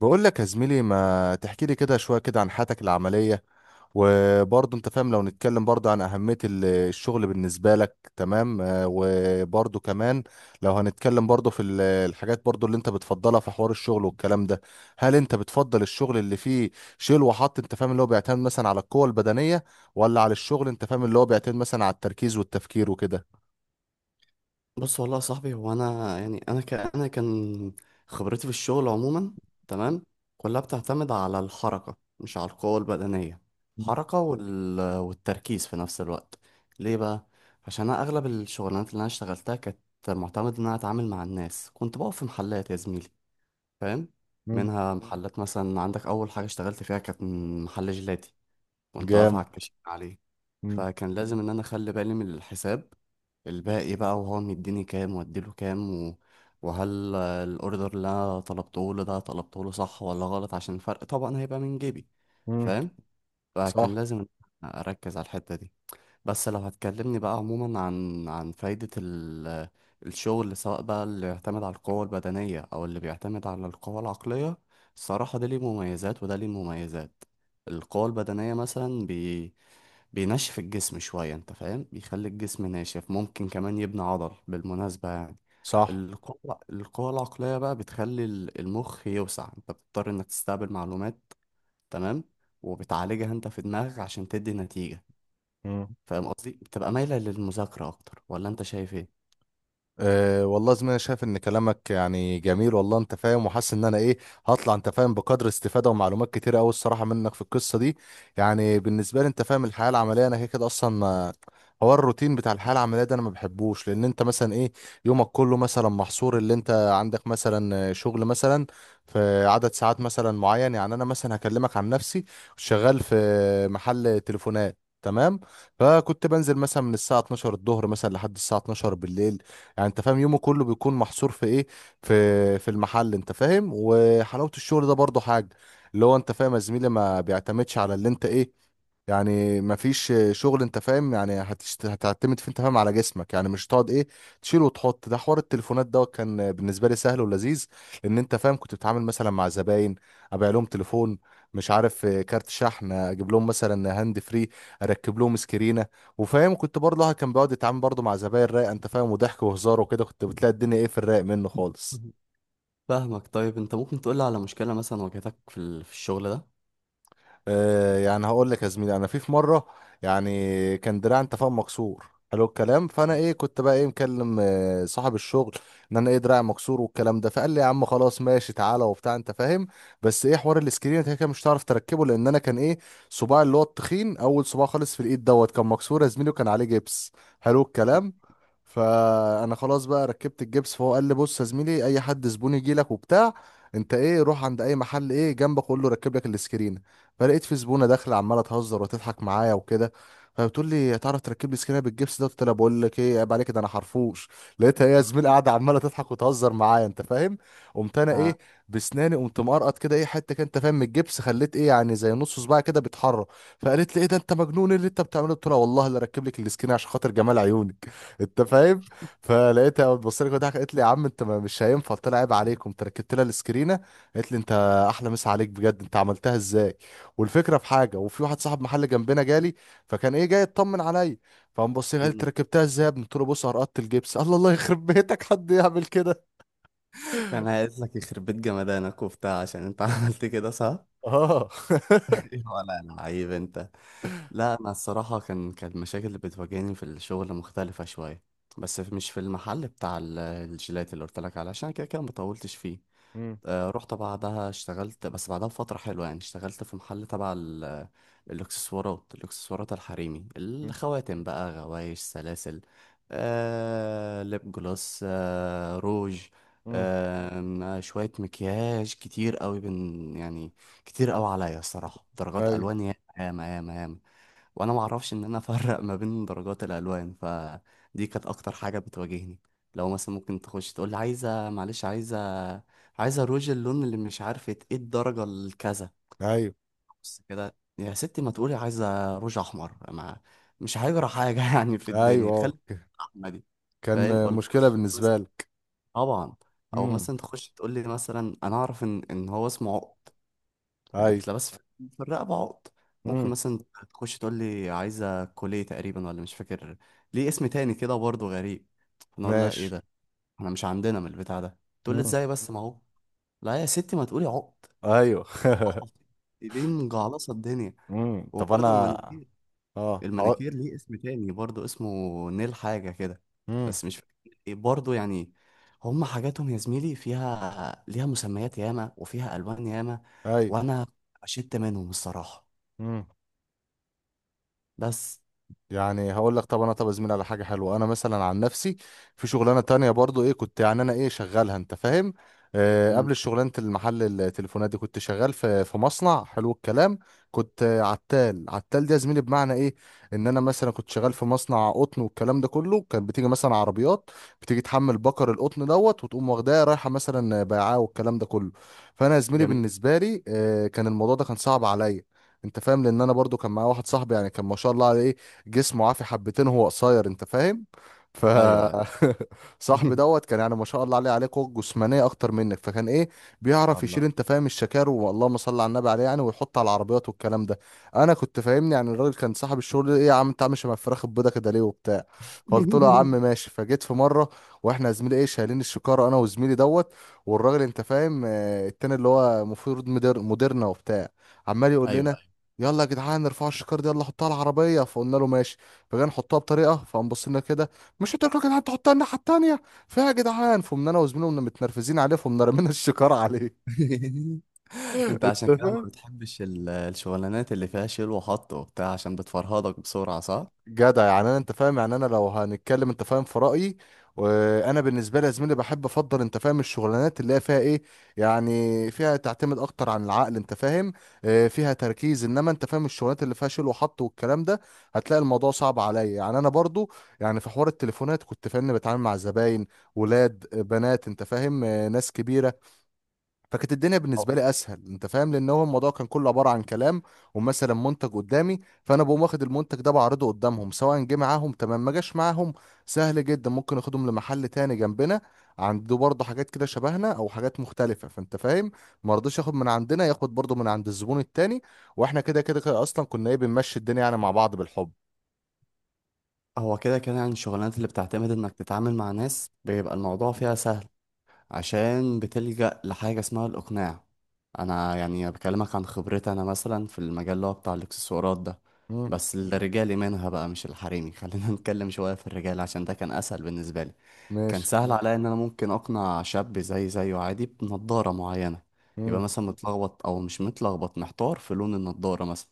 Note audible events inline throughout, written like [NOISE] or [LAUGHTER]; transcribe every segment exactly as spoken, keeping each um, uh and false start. بقول لك يا زميلي ما تحكي لي كده شوية كده عن حياتك العملية. وبرضه انت فاهم لو نتكلم برضه عن أهمية ال- الشغل بالنسبة لك، تمام، آه، وبرضه كمان لو هنتكلم برضه في ال- الحاجات برضه اللي انت بتفضلها في حوار الشغل والكلام ده. هل انت بتفضل الشغل اللي فيه شيل وحط، انت فاهم، اللي هو بيعتمد مثلا على القوة البدنية، ولا على الشغل انت فاهم اللي هو بيعتمد مثلا على التركيز والتفكير وكده؟ بص والله يا صاحبي، هو انا يعني انا ك... انا كان خبرتي في الشغل عموما، تمام، كلها بتعتمد على الحركه مش على القوه البدنيه. الحركه وال... والتركيز في نفس الوقت. ليه بقى؟ عشان انا اغلب الشغلانات اللي انا اشتغلتها كانت معتمد ان انا اتعامل مع الناس، كنت بقف في محلات يا زميلي، فاهم؟ مم. منها محلات مثلا، عندك اول حاجه اشتغلت فيها كانت محل جيلاتي، كنت واقف على جامد. الكاشير عليه. مم. فكان لازم ان انا اخلي بالي من الحساب، الباقي بقى، وهو مديني كام واديله كام و... وهل آه، الاوردر اللي انا طلبته له ده طلبته له صح ولا غلط، عشان الفرق طبعا هيبقى من جيبي، مم. فاهم؟ فكان صح. لازم إن أنا اركز على الحتة دي. بس لو هتكلمني بقى عموما عن عن فايدة ال... الشغل، سواء بقى اللي بيعتمد على القوة البدنية او اللي بيعتمد على القوة العقلية، الصراحة ده ليه مميزات وده ليه مميزات. القوة البدنية مثلا بينشف الجسم شوية، انت فاهم، بيخلي الجسم ناشف، ممكن كمان يبني عضل بالمناسبة يعني. صح. القوة القوة العقلية بقى بتخلي ال- المخ يوسع، انت بتضطر انك تستقبل معلومات، تمام، وبتعالجها انت في دماغك عشان تدي نتيجة، مم. فاهم قصدي؟ بتبقى مايلة للمذاكرة اكتر، ولا انت شايف ايه؟ أه والله، زي ما انا شايف ان كلامك يعني جميل والله، انت فاهم، وحاسس ان انا ايه، هطلع انت فاهم بقدر استفاده ومعلومات كتيره قوي الصراحه منك في القصه دي. يعني بالنسبه لي، انت فاهم، الحياه العمليه انا كده كده اصلا ما، هو الروتين بتاع الحياه العمليه ده انا ما بحبوش، لان انت مثلا ايه، يومك كله مثلا محصور، اللي انت عندك مثلا شغل مثلا في عدد ساعات مثلا معين. يعني انا مثلا هكلمك عن نفسي، شغال في محل تليفونات، تمام؟ فكنت بنزل مثلا من الساعه اتناشر الظهر مثلا لحد الساعه اتناشر بالليل. يعني انت فاهم يومه كله بيكون محصور في ايه، في في المحل، انت فاهم. وحلاوة الشغل ده برضو حاجة، اللي هو انت فاهم يا زميلي ما بيعتمدش على اللي انت ايه، يعني ما فيش شغل انت فاهم يعني هتشت... هتعتمد فيه انت فاهم على جسمك، يعني مش تقعد ايه، تشيل وتحط. ده حوار التليفونات دوت كان بالنسبه لي سهل ولذيذ، لان انت فاهم كنت بتتعامل مثلا مع زباين، ابيع لهم تليفون، مش عارف، آه، كارت شحن، اجيب لهم مثلا هاند فري، اركب لهم سكرينه. وفاهم كنت برضه الواحد كان بيقعد يتعامل برضه مع زباين رايقه، انت فاهم، وضحك وهزار وكده. كنت بتلاقي الدنيا ايه، في الرايق منه خالص. مهم. فاهمك. طيب انت ممكن تقولي على مشكلة مثلا واجهتك في ال- في الشغل ده؟ آه، يعني هقول لك يا زميلي، انا في في مره يعني كان دراعي انت فاهم مكسور، حلو الكلام. فانا ايه كنت بقى ايه مكلم آه، صاحب الشغل ان انا ايه دراعي مكسور والكلام ده. فقال لي يا عم، خلاص ماشي، تعالى وبتاع، انت فاهم، بس ايه، حوار الاسكرين انت كده كده مش هتعرف تركبه، لان انا كان ايه، صباعي اللي هو التخين، اول صباع خالص في الايد دوت كان مكسور يا زميلي وكان عليه جبس، حلو الكلام. فانا خلاص بقى ركبت الجبس، فهو قال لي بص يا زميلي، اي حد زبون يجي لك وبتاع، انت ايه، روح عند اي محل ايه جنبك، قول له ركب لك الاسكرين. فلقيت في زبونه داخله عماله تهزر وتضحك معايا وكده، فبتقول لي هتعرف تركب لي سكينه بالجبس ده؟ قلت لها بقول لك ايه، عيب عليك، ده انا حرفوش. لقيتها هي زميل قاعده عماله تضحك وتهزر معايا، انت فاهم. قمت انا ايه، آه، بسناني قمت مقرقط كده ايه حته كده، انت فاهم، من الجبس، خليت ايه يعني زي نص صباعي كده بيتحرك. فقالت لي ايه ده، انت مجنون؟ إيه اللي انت بتعمله؟ قلت لها والله اللي اركب لك السكينه عشان خاطر جمال عيونك، انت فاهم. فلقيتها بتبص لي كده، ضحكت، قالت لي يا عم انت ما- مش هينفع. قلت لها عيب عليكم، انت ركبت لها السكرينه. قالت لي انت احلى مسا عليك بجد، انت عملتها ازاي؟ والفكره في حاجه، وفي واحد صاحب محل جنبنا جالي، فكان ايه جاي يطمن عليا، فقام بص لي قال لي، "أنت م- ركبتها ازاي يا ابني؟" قلت له بص، قرقطت الجبس. الله، الله يخرب بيتك، حد يعمل كده؟ كان عايز لك يخرب بيت جمدانك وبتاع عشان انت [LAUGHS] عملت كده صح؟ اه [LAUGHS] [LAUGHS] ولا لعيب انت. لا انا الصراحه كان كان المشاكل اللي بتواجهني في الشغل مختلفه شويه، بس في- مش في المحل بتاع ال- الجيلات اللي قلت لك عليه، عشان كده كده ما طولتش فيه. مم. آه، رحت بعدها اشتغلت، بس بعدها بفترة حلوة يعني، اشتغلت في محل تبع ال- الإكسسوارات. الإكسسوارات الحريمي مم. الخواتم بقى، غوايش، سلاسل، آه، ليب جلوس، آه، روج، مم. آه، شوية مكياج كتير قوي بن يعني، كتير قوي عليا الصراحة. درجات ايوه. ألوان ياما ياما ياما ياما، وانا ما اعرفش ان انا افرق ما بين درجات الالوان، فدي كانت اكتر حاجه بتواجهني. لو مثلا ممكن تخش تقول لي عايزه، معلش، عايزه عايزه روج اللون اللي مش عارفه ايه، الدرجه الكذا، ايوه. بس كده يا ستي. ما تقولي عايزه روج احمر، ما مش هيجرى حاجه [LAUGHS] يعني في ايوه. الدنيا، آه. خلي ك- الرحمه دي، فاهم؟ كان ولا مشكله تخش مثلاً، بالنسبه لك. طبعا، او مم. مثلا تخش تقول لي، مثلا انا اعرف ان ان هو اسمه عقد، اللي ايوه. بتلبس في في الرقبة، عقد. ممكن مم. مثلا تخش تقول لي عايزة كولية تقريبا، ولا مش فاكر ليه اسم تاني كده برضه غريب. انا اقول لها ايه ماشي. ده؟ احنا مش عندنا من البتاع ده. تقول لي مم. ازاي بس، ما هو، لا يا ستي، ما تقولي عقد. ايوه [LAUGHS] عقد. [LAUGHS] ليه مجعلصة الدنيا؟ مم. طب انا. وبرضه المانيكير، اه هقول. المانيكير ليه اسم تاني برضه، اسمه نيل حاجة كده، مم. بس مش فاكر ايه برضه يعني. هما حاجاتهم يا زميلي فيها، ليها مسميات ياما وفيها ألوان ياما، ايوه. وأنا شدت منهم الصراحة. مم. بس. يعني هقول لك، طب انا، طب يا زميلي على حاجه حلوه، انا مثلا عن نفسي، في شغلانه تانية برضو ايه كنت، يعني انا ايه شغالها انت فاهم، آه مم. قبل شغلانه المحل التليفونات دي كنت شغال في في مصنع، حلو الكلام. كنت آه، عتال. عتال دي يا زميلي بمعنى ايه، ان انا مثلا كنت شغال في مصنع قطن والكلام ده كله. كان بتيجي مثلا عربيات، بتيجي تحمل بكر القطن دوت، وتقوم واخداه رايحه مثلا بيعاه والكلام ده كله. فانا يا زميلي جميل. بالنسبه لي آه كان الموضوع ده كان صعب عليا، انت فاهم، لان انا برضو كان معايا واحد صاحبي، يعني كان ما شاء الله عليه إيه، جسمه عافي حبتين، هو قصير، انت فاهم. ف ايوه. أيوة. [LAUGHS] صاحبي [LAUGHS] ان دوت كان يعني ما شاء الله عليه، عليه قوه جسمانيه اكتر منك. فكان ايه، شاء بيعرف يشيل الله. انت فاهم الشكار، واللهم صل على النبي عليه، يعني ويحط على العربيات والكلام ده. انا كنت فاهمني يعني الراجل كان صاحب الشغل ايه، يا عم انت عامل شبه الفراخ البيضه كده ليه وبتاع؟ فقلت له يا عم [LAUGHS] ماشي. فجيت في مره، واحنا يا زميلي ايه شايلين الشكاره انا وزميلي دوت، والراجل انت فاهم، آه، التاني اللي هو المفروض مدير، مديرنا وبتاع، عمال يقول ايوه، لنا ايوه. يلا يا جدعان ارفعوا الشكار دي، يلا حطها على العربيه. فقلنا له ماشي. فجاي نحطها بطريقه، فقام بص لنا كده، مش قلت لكم يا جدعان تحطها الناحيه التانيه فيها يا جدعان؟ فقمنا انا وزميلي قمنا متنرفزين عليه، فقمنا رمينا الشكار عليه [LAUGHS] [LAUGHS] انت انت عشان كده ما فاهم. بتحبش ال- الشغلانات اللي فيها شيل وحط وبتاع، عشان بتفرهدك بسرعه، صح؟ جدع، يعني انا انت فاهم، يعني انا لو هنتكلم انت فاهم في رايي، وانا بالنسبه لي يا زميلي بحب افضل، انت فاهم، الشغلانات اللي هي فيها ايه، يعني فيها تعتمد اكتر عن العقل، انت فاهم، آه، فيها تركيز. انما انت فاهم الشغلانات اللي فيها شيل وحط والكلام ده، هتلاقي الموضوع صعب عليا. يعني انا برضو يعني في حوار التليفونات كنت فاهمني بتعامل مع زباين ولاد، آه، بنات، انت فاهم، آه، ناس كبيره. فكانت الدنيا هو بالنسبه لي اسهل، انت فاهم، لان هو الموضوع كان كله عباره عن كلام ومثلا منتج قدامي، فانا بقوم واخد المنتج ده بعرضه قدامهم، سواء جه معاهم تمام ما جاش معاهم، سهل جدا. ممكن اخدهم لمحل تاني جنبنا عنده برضه حاجات كده شبهنا او حاجات مختلفه، فانت فاهم ما رضيش ياخد من عندنا، ياخد برضه من عند الزبون التاني، واحنا كده كده كده اصلا كنا ايه بنمشي الدنيا يعني مع بعض بالحب. هو كده كده يعني الشغلانات اللي بتعتمد انك تتعامل مع ناس، بيبقى الموضوع فيها سهل، عشان بتلجأ لحاجه اسمها الاقناع. انا يعني بكلمك عن خبرتي، انا مثلا في المجال اللي هو بتاع الاكسسوارات ده، امم. بس الرجالي منها بقى مش الحريمي [LAUGHS] خلينا نتكلم شويه في الرجال عشان ده كان اسهل بالنسبه لي. كان ماشي. سهل عليا ان انا ممكن اقنع شاب زي زيه عادي بنضارة معينة، يبقى امم. مثلا متلخبط او مش متلخبط، محتار في لون النضارة مثلا،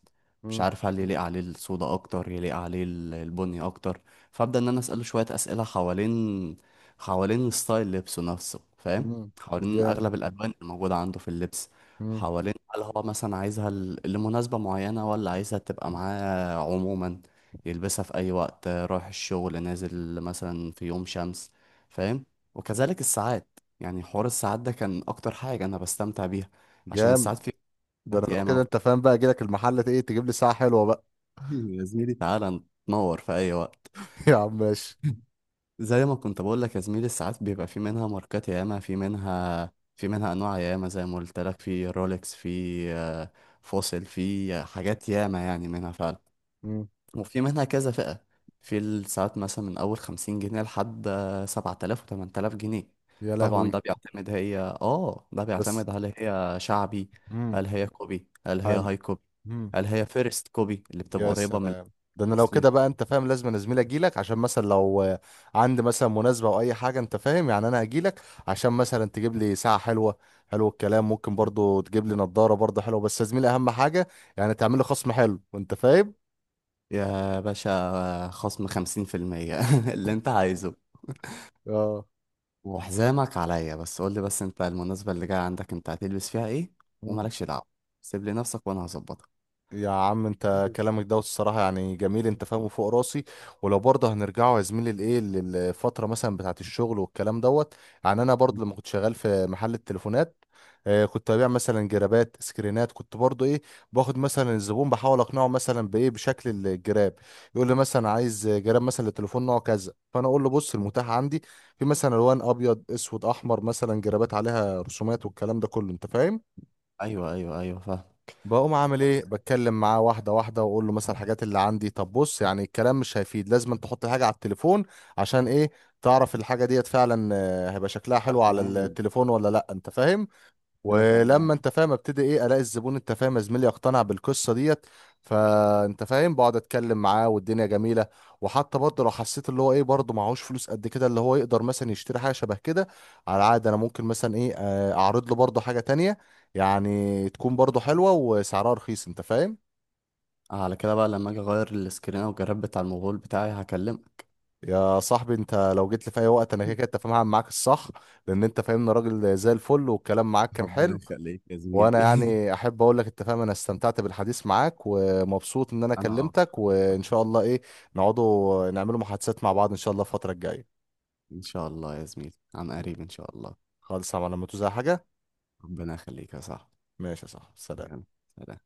مش امم. عارف هل يليق عليه السودا اكتر، يليق عليه ال- البني اكتر. فابدا ان انا اساله شوية اسئلة حوالين حوالين ستايل لبسه نفسه، فاهم؟ امم. حوالين جامد. اغلب الالوان الموجودة عنده في اللبس، امم. حوالين هل هو مثلا عايزها ل- لمناسبة معينة، ولا عايزها تبقى معاه عموما يلبسها في اي وقت، رايح الشغل، نازل مثلا في يوم شمس، فاهم؟ وكذلك الساعات. يعني حوار الساعات ده كان اكتر حاجة انا بستمتع بيها، عشان جامد، الساعات فيها ده انا ساعات لو كده ياما. انت فاهم بقى اجي لك المحل، ايه، تجيب لي ساعه حلوه بقى. [LAUGHS] يا زميلي، تعالى نتنور في اي وقت. [LAUGHS] يا عم ماشي. زي ما كنت بقول لك يا زميلي، الساعات بيبقى في منها ماركات ياما، في منها في منها انواع ياما. زي ما قلت لك، في رولكس، في آه، فوسيل، في آه، حاجات ياما يعني، منها فعلا. مم. وفي منها كذا فئة في الساعات، مثلا من أول خمسين جنيه لحد سبعة آلاف وتمن تلاف جنيه. يا طبعا لهوي. ده بيعتمد، هي اه ده بس. بيعتمد، هل هي شعبي، مم. هل هي كوبي، هل هي حلو. هاي كوبي، مم. هل هي فيرست كوبي اللي بتبقى يا قريبة من سلام، ده انا لو الأصلي. كده بقى انت فاهم لازم انا زميلي اجي لك، عشان مثلا لو آه، عندي مثلا مناسبه او اي حاجه، انت فاهم، يعني انا هجي لك عشان مثلا تجيب لي ساعه حلوه، حلو الكلام. ممكن برضو تجيب لي نظاره برضو حلوه، بس يا زميلي اهم حاجه يعني تعمل لي خصم حلو، انت فاهم. يا باشا، خصم خمسين في المية [LAUGHS] اللي انت عايزه. اه وحزامك عليا، بس قولي بس انت المناسبة اللي جاية عندك انت هتلبس فيها ايه، ومالكش دعوة، سيب لي نفسك وانا هظبطك. يا عم انت كلامك دوت الصراحة يعني جميل، انت فاهمه فوق راسي. ولو برضه هنرجعه يا زميلي لايه، للفترة مثلا بتاعة الشغل والكلام دوت، يعني انا برضه لما كنت شغال في محل التليفونات، اه كنت ببيع مثلا جرابات سكرينات، كنت برضه ايه، باخد مثلا الزبون بحاول اقنعه مثلا بايه، بشكل الجراب. يقول لي مثلا عايز جراب مثلا للتليفون نوع كذا، فانا اقول له بص، المتاح عندي في مثلا الوان، ابيض اسود احمر، مثلا جرابات عليها رسومات والكلام ده كله انت فاهم. ايوه، ايوه، ايوه، فاهم. بقوم عامل ايه، بتكلم معاه واحده واحده، واقول له مثلا الحاجات اللي عندي، طب بص يعني الكلام مش هيفيد، لازم أن تحط الحاجه على التليفون، عشان ايه، تعرف الحاجه ديت فعلا آه، هيبقى شكلها حلو على فاهمان. التليفون ولا لا، انت فاهم. كده ولما فاهمان. انت فاهم ابتدي ايه، الاقي الزبون انت فاهم يا زميلي يقتنع بالقصه ديت، فانت فاهم بقعد اتكلم معاه والدنيا جميله. وحتى برضه لو حسيت اللي هو ايه، برضه معهوش فلوس قد كده، اللي هو يقدر مثلا يشتري حاجه شبه كده، على عاد انا ممكن مثلا ايه، آه، اعرض له برضه حاجه تانية، يعني تكون برضه حلوه وسعرها رخيص، انت فاهم. آه، على كده بقى، لما اجي اغير السكرين او الجراب بتاع الموبايل بتاعي هكلمك. يا صاحبي انت لو جيت لي في اي وقت انا كده كده انت [LAUGHS] فاهم هعمل معاك الصح، لان انت فاهمني راجل زي الفل والكلام معاك كان ربنا حلو. يخليك يا وانا زميلي. [LAUGHS] يعني احب اقول لك، انت فاهم، انا استمتعت بالحديث معاك ومبسوط ان انا انا كلمتك، اكتر. وان شاء الله ايه، نقعدوا نعملوا محادثات مع بعض ان شاء الله الفترة الجاية. ان شاء الله يا زميلي، عن قريب ان شاء الله. خالص على لما توزع حاجة. ربنا يخليك يا صاحبي. ماشي يا صاحبي، يلا، سلام. سلام.